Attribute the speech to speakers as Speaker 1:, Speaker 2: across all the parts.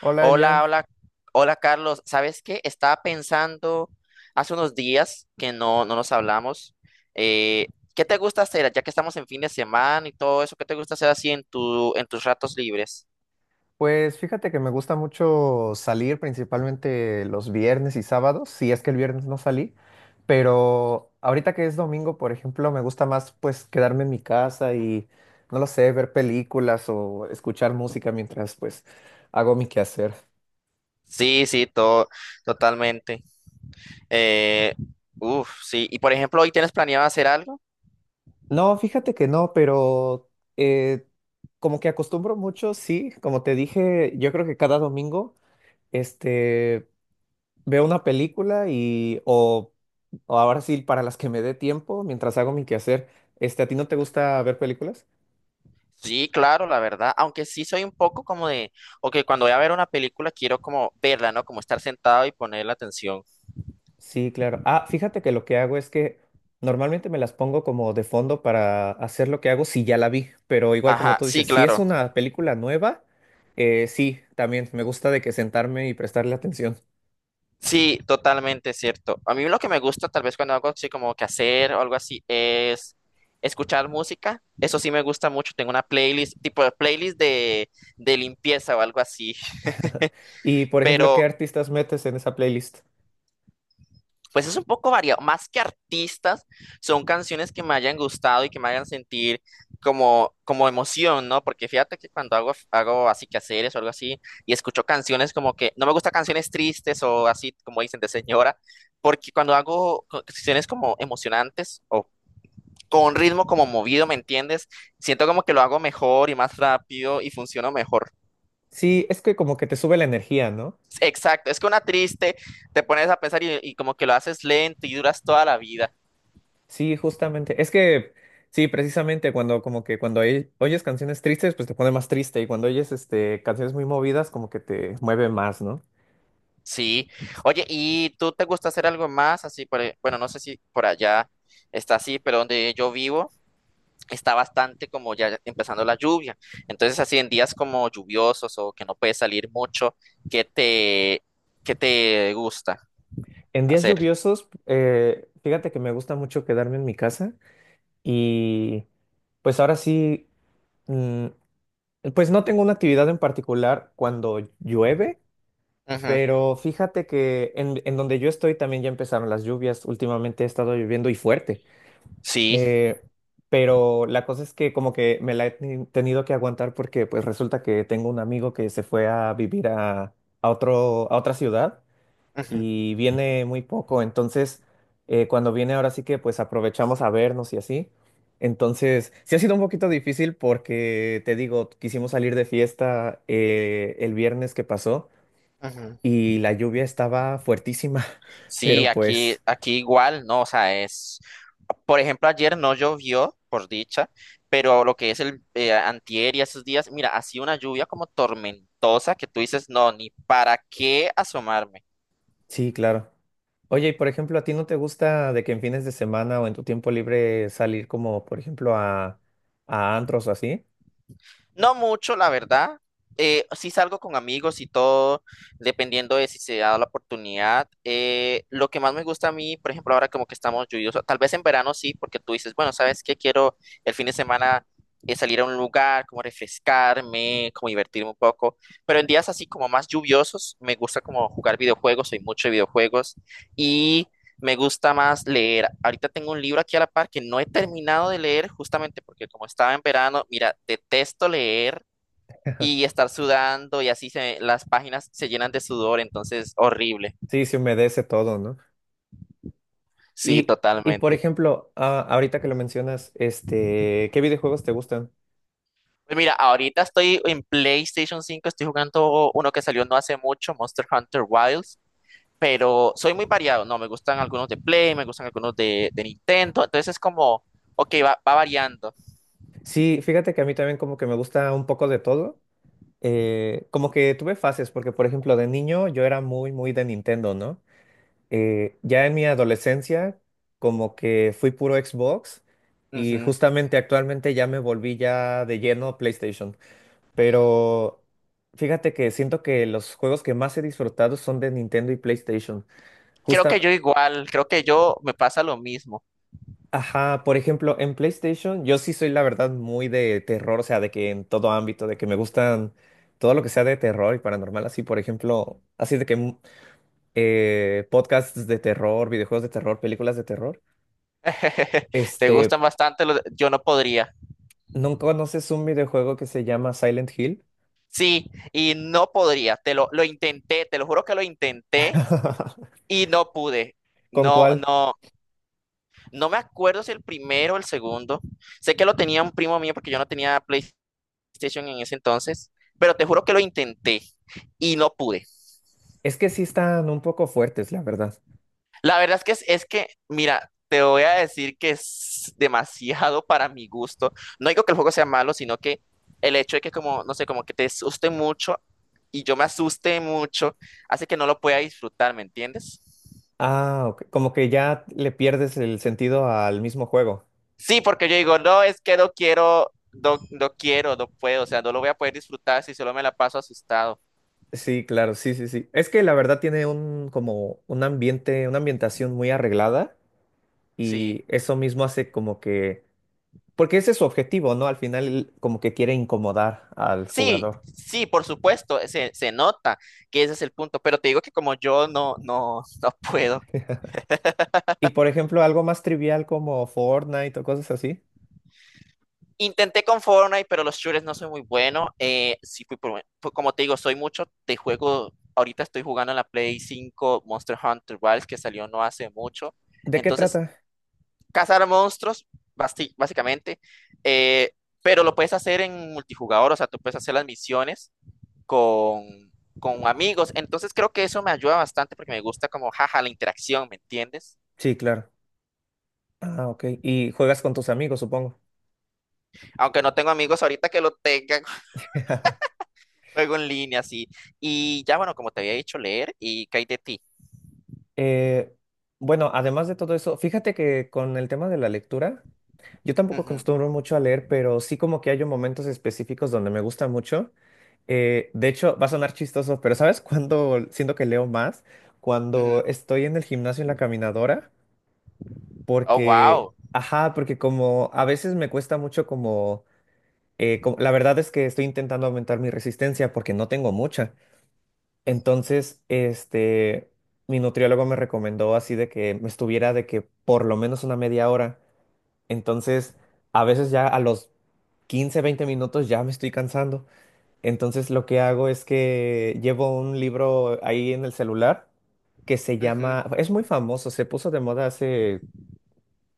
Speaker 1: Hola
Speaker 2: Hola,
Speaker 1: Elian,
Speaker 2: hola, hola Carlos. ¿Sabes qué? Estaba pensando hace unos días que no nos hablamos. eh, ¿Qué te gusta hacer? Ya que estamos en fin de semana y todo eso, ¿qué te gusta hacer así en tus ratos libres?
Speaker 1: pues fíjate que me gusta mucho salir principalmente los viernes y sábados, si es que el viernes no salí, pero ahorita que es domingo, por ejemplo, me gusta más pues quedarme en mi casa y no lo sé, ver películas o escuchar música mientras pues hago mi quehacer.
Speaker 2: Sí, sí, todo, totalmente. Eh, Uf, sí. Y por ejemplo, ¿hoy tienes planeado hacer algo?
Speaker 1: No, fíjate que no, pero eh, como que acostumbro mucho, sí, como te dije, yo creo que cada domingo. Este, Veo una película o ahora sí, para las que me dé tiempo, mientras hago mi quehacer, ¿a ti no te gusta ver películas?
Speaker 2: Sí, claro, la verdad. Aunque sí soy un poco como de, ok, cuando voy a ver una película quiero como verla, ¿no? Como estar sentado y poner la atención.
Speaker 1: Sí, claro. Ah, fíjate que lo que hago es que normalmente me las pongo como de fondo para hacer lo que hago si ya la vi, pero igual como
Speaker 2: Ajá,
Speaker 1: tú dices,
Speaker 2: sí,
Speaker 1: si es
Speaker 2: claro.
Speaker 1: una película nueva, sí, también me gusta de que sentarme y prestarle atención.
Speaker 2: Sí, totalmente cierto. A mí lo que me gusta, tal vez cuando hago así como que hacer o algo así, es escuchar música. Eso sí me gusta mucho. Tengo una playlist, tipo de de limpieza o algo así.
Speaker 1: Y, por ejemplo, ¿qué
Speaker 2: Pero
Speaker 1: artistas metes en esa playlist?
Speaker 2: pues es un poco variado, más que artistas, son canciones que me hayan gustado y que me hagan sentir como, como emoción, ¿no? Porque fíjate que cuando hago así quehaceres o algo así y escucho canciones como que, no me gustan canciones tristes o así como dicen de señora, porque cuando hago canciones como emocionantes o con un ritmo como movido, ¿me entiendes? Siento como que lo hago mejor y más rápido y funciono mejor.
Speaker 1: Sí, es que como que te sube la energía, ¿no?
Speaker 2: Exacto, es que una triste te pones a pensar y como que lo haces lento y duras toda la vida.
Speaker 1: Sí, justamente. Es que, sí, precisamente cuando como que cuando oyes canciones tristes, pues te pone más triste y cuando oyes canciones muy movidas, como que te mueve más, ¿no?
Speaker 2: Sí. Oye, ¿y tú te gusta hacer algo más? Así, bueno, no sé si por allá está así, pero donde yo vivo está bastante como ya empezando la lluvia. Entonces, así en días como lluviosos o que no puedes salir mucho, ¿qué te, ¿qué te gusta
Speaker 1: En días
Speaker 2: hacer?
Speaker 1: lluviosos, fíjate que me gusta mucho quedarme en mi casa y pues ahora sí, mm, pues no tengo una actividad en particular cuando llueve,
Speaker 2: Ujú.
Speaker 1: pero fíjate que en donde yo estoy también ya empezaron las lluvias. Últimamente ha estado lloviendo y fuerte.
Speaker 2: Sí.
Speaker 1: Eh, pero la cosa es que como que me la he tenido que aguantar porque pues resulta que tengo un amigo que se fue a vivir a otro, a otra ciudad
Speaker 2: Ujú,
Speaker 1: y viene muy poco. Entonces, cuando viene ahora sí que pues aprovechamos a vernos y así. Entonces, sí ha sido un poquito difícil porque te digo, quisimos salir de fiesta el viernes que pasó
Speaker 2: ujú.
Speaker 1: y la lluvia estaba fuertísima,
Speaker 2: Sí,
Speaker 1: pero
Speaker 2: aquí,
Speaker 1: pues
Speaker 2: aquí igual, ¿no? O sea, es, por ejemplo, ayer no llovió, por dicha, pero lo que es el antier y esos días, mira, ha sido una lluvia como tormentosa que tú dices, no, ni para qué asomarme.
Speaker 1: sí, claro. Oye, y por ejemplo, ¿a ti no te gusta de que en fines de semana o en tu tiempo libre salir como, por ejemplo, a antros o así?
Speaker 2: No mucho, la verdad. Sí salgo con amigos y todo, dependiendo de si se da la oportunidad. Lo que más me gusta a mí, por ejemplo, ahora como que estamos lluviosos, tal vez en verano sí, porque tú dices, bueno, ¿sabes qué? Quiero el fin de semana salir a un lugar, como refrescarme, como divertirme un poco. Pero en días así como más lluviosos, me gusta como jugar videojuegos, soy mucho de videojuegos. Y me gusta más leer. Ahorita tengo un libro aquí a la par que no he terminado de leer justamente porque como estaba en verano, mira, detesto leer y estar sudando y así las páginas se llenan de sudor, entonces horrible.
Speaker 1: Sí, se humedece todo, ¿no?
Speaker 2: Sí,
Speaker 1: Y, y por
Speaker 2: totalmente.
Speaker 1: ejemplo, ah, ahorita que lo mencionas, ¿qué videojuegos te gustan?
Speaker 2: Pues mira, ahorita estoy en PlayStation 5, estoy jugando uno que salió no hace mucho, Monster Hunter Wilds, pero soy muy variado, no, me gustan algunos de Play, me gustan de Nintendo, entonces es como, ok, va, va variando.
Speaker 1: Sí, fíjate que a mí también como que me gusta un poco de todo. Como que tuve fases, porque por ejemplo, de niño yo era muy, muy de Nintendo, ¿no? Ya en mi adolescencia, como que fui puro Xbox y
Speaker 2: Ujú.
Speaker 1: justamente actualmente ya me volví ya de lleno PlayStation. Pero fíjate que siento que los juegos que más he disfrutado son de Nintendo y PlayStation.
Speaker 2: Creo que
Speaker 1: Justa,
Speaker 2: yo igual, creo que yo me pasa lo mismo.
Speaker 1: ajá, por ejemplo, en PlayStation yo sí soy la verdad muy de terror, o sea, de que en todo ámbito, de que me gustan todo lo que sea de terror y paranormal, así por ejemplo, así de que podcasts de terror, videojuegos de terror, películas de terror.
Speaker 2: Te gustan
Speaker 1: Este,
Speaker 2: bastante los, yo no podría.
Speaker 1: ¿No conoces un videojuego que se llama Silent Hill?
Speaker 2: Sí, y no podría, lo intenté, te lo juro que lo intenté y no pude.
Speaker 1: ¿Con
Speaker 2: No,
Speaker 1: cuál?
Speaker 2: no, no me acuerdo si el primero o el segundo. Sé que lo tenía un primo mío porque yo no tenía PlayStation en ese entonces, pero te juro que lo intenté y no pude.
Speaker 1: Es que sí están un poco fuertes, la verdad.
Speaker 2: La verdad es que es que, mira, te voy a decir que es demasiado para mi gusto. No digo que el juego sea malo, sino que el hecho de que como, no sé, como que te asuste mucho y yo me asuste mucho, hace que no lo pueda disfrutar, ¿me entiendes?
Speaker 1: Ah, ok. Como que ya le pierdes el sentido al mismo juego.
Speaker 2: Sí, porque yo digo, no, es que no quiero, no quiero, no puedo, o sea, no lo voy a poder disfrutar si solo me la paso asustado.
Speaker 1: Sí, claro, sí, sí, sí. Es que la verdad tiene un como un ambiente, una ambientación muy arreglada
Speaker 2: Sí,
Speaker 1: y eso mismo hace como que, porque ese es su objetivo, ¿no? Al final como que quiere incomodar al
Speaker 2: sí,
Speaker 1: jugador.
Speaker 2: sí, por supuesto, se nota que ese es el punto, pero te digo que como yo no, no, no puedo.
Speaker 1: Y por ejemplo, algo más trivial como Fortnite o cosas así.
Speaker 2: Intenté con Fortnite, pero los shooters no soy muy bueno. Sí, como te digo, soy mucho de juego. Ahorita estoy jugando en la Play 5 Monster Hunter Wilds, que salió no hace mucho.
Speaker 1: ¿De qué
Speaker 2: Entonces,
Speaker 1: trata?
Speaker 2: cazar monstruos, básicamente. eh, pero lo puedes hacer en multijugador, o sea, tú puedes hacer las misiones con, con amigos. Entonces, creo que eso me ayuda bastante porque me gusta como, jaja, la interacción, ¿me entiendes?
Speaker 1: Sí, claro. Ah, ok. Y juegas con tus amigos, supongo.
Speaker 2: Aunque no tengo amigos ahorita que lo tengan, juego en línea, sí. Y ya, bueno, como te había dicho, leer, ¿y qué hay de ti?
Speaker 1: Eh, bueno, además de todo eso, fíjate que con el tema de la lectura, yo tampoco
Speaker 2: Ujú,
Speaker 1: acostumbro mucho a leer, pero sí como que hay momentos específicos donde me gusta mucho. De hecho, va a sonar chistoso, pero ¿sabes cuándo siento que leo más? Cuando
Speaker 2: ujú.
Speaker 1: estoy en el gimnasio en la caminadora,
Speaker 2: Oh,
Speaker 1: porque,
Speaker 2: wow.
Speaker 1: ajá, porque como a veces me cuesta mucho la verdad es que estoy intentando aumentar mi resistencia porque no tengo mucha. Entonces, mi nutriólogo me recomendó así de que me estuviera de que por lo menos una media hora. Entonces, a veces ya a los 15, 20 minutos ya me estoy cansando. Entonces, lo que hago es que llevo un libro ahí en el celular que se
Speaker 2: Ujú.
Speaker 1: llama, es muy famoso, se puso de moda hace,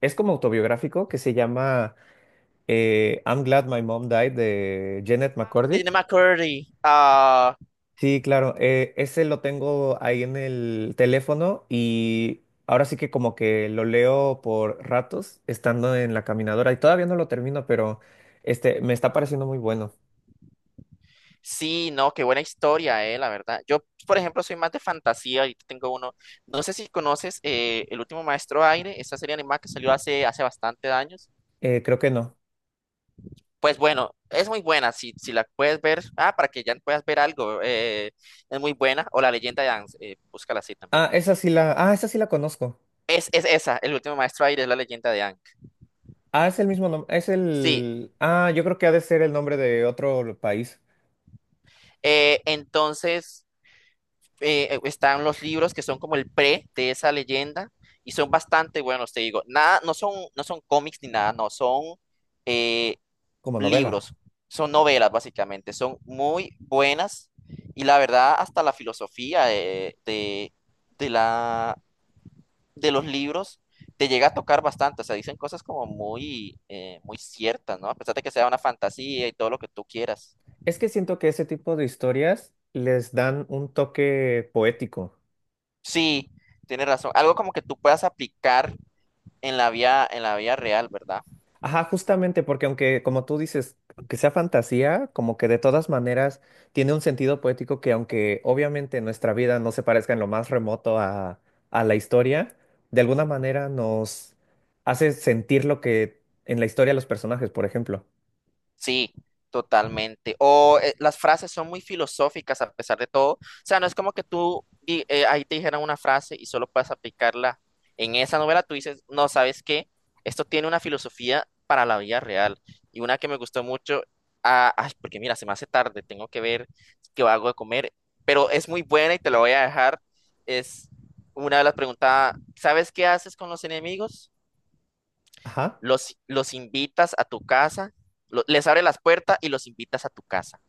Speaker 1: es como autobiográfico, que se llama I'm Glad My Mom Died de Janet
Speaker 2: Ay, de
Speaker 1: McCordy.
Speaker 2: Jenny McCurdy. Ah,
Speaker 1: Sí, claro. Eh, ese lo tengo ahí en el teléfono y ahora sí que como que lo leo por ratos estando en la caminadora y todavía no lo termino, pero este me está pareciendo muy bueno.
Speaker 2: sí, no, qué buena historia, la verdad. Yo, por ejemplo, soy más de fantasía. Ahorita tengo uno. No sé si conoces El último maestro aire, esa serie animada que salió hace bastante años.
Speaker 1: Creo que no.
Speaker 2: Pues bueno, es muy buena. Si, si la puedes ver, ah, para que ya puedas ver algo, es muy buena. O La leyenda de Aang, búscala así también.
Speaker 1: Ah, esa sí la conozco.
Speaker 2: Es esa, El último maestro aire es La leyenda de Aang.
Speaker 1: Ah, es el mismo nombre,
Speaker 2: Sí.
Speaker 1: yo creo que ha de ser el nombre de otro país
Speaker 2: Eh, entonces, están los libros que son como el pre de esa leyenda y son bastante buenos, te digo. Nada, no son cómics ni nada, no, son eh,
Speaker 1: como novela.
Speaker 2: libros, son novelas básicamente, son muy buenas y la verdad hasta la filosofía de de los libros te llega a tocar bastante, o sea, dicen cosas como muy, muy ciertas, ¿no? A pesar de que sea una fantasía y todo lo que tú quieras.
Speaker 1: Es que siento que ese tipo de historias les dan un toque poético.
Speaker 2: Sí, tienes razón, algo como que tú puedas aplicar en en la vía real, ¿verdad?
Speaker 1: Ajá, justamente porque aunque, como tú dices, que sea fantasía, como que de todas maneras tiene un sentido poético que aunque obviamente nuestra vida no se parezca en lo más remoto a la historia, de alguna manera nos hace sentir lo que en la historia los personajes, por ejemplo.
Speaker 2: Sí, totalmente. O las frases son muy filosóficas a pesar de todo. O sea, no es como que ahí te dijeran una frase y solo puedes aplicarla en esa novela. Tú dices, no, ¿sabes qué? Esto tiene una filosofía para la vida real. Y una que me gustó mucho, ah, ay, porque mira, se me hace tarde, tengo que ver qué hago de comer, pero es muy buena y te la voy a dejar. Es una de las preguntas, ¿sabes qué haces con los enemigos?
Speaker 1: Ajá.
Speaker 2: Los invitas a tu casa, les abre las puertas y los invitas a tu casa.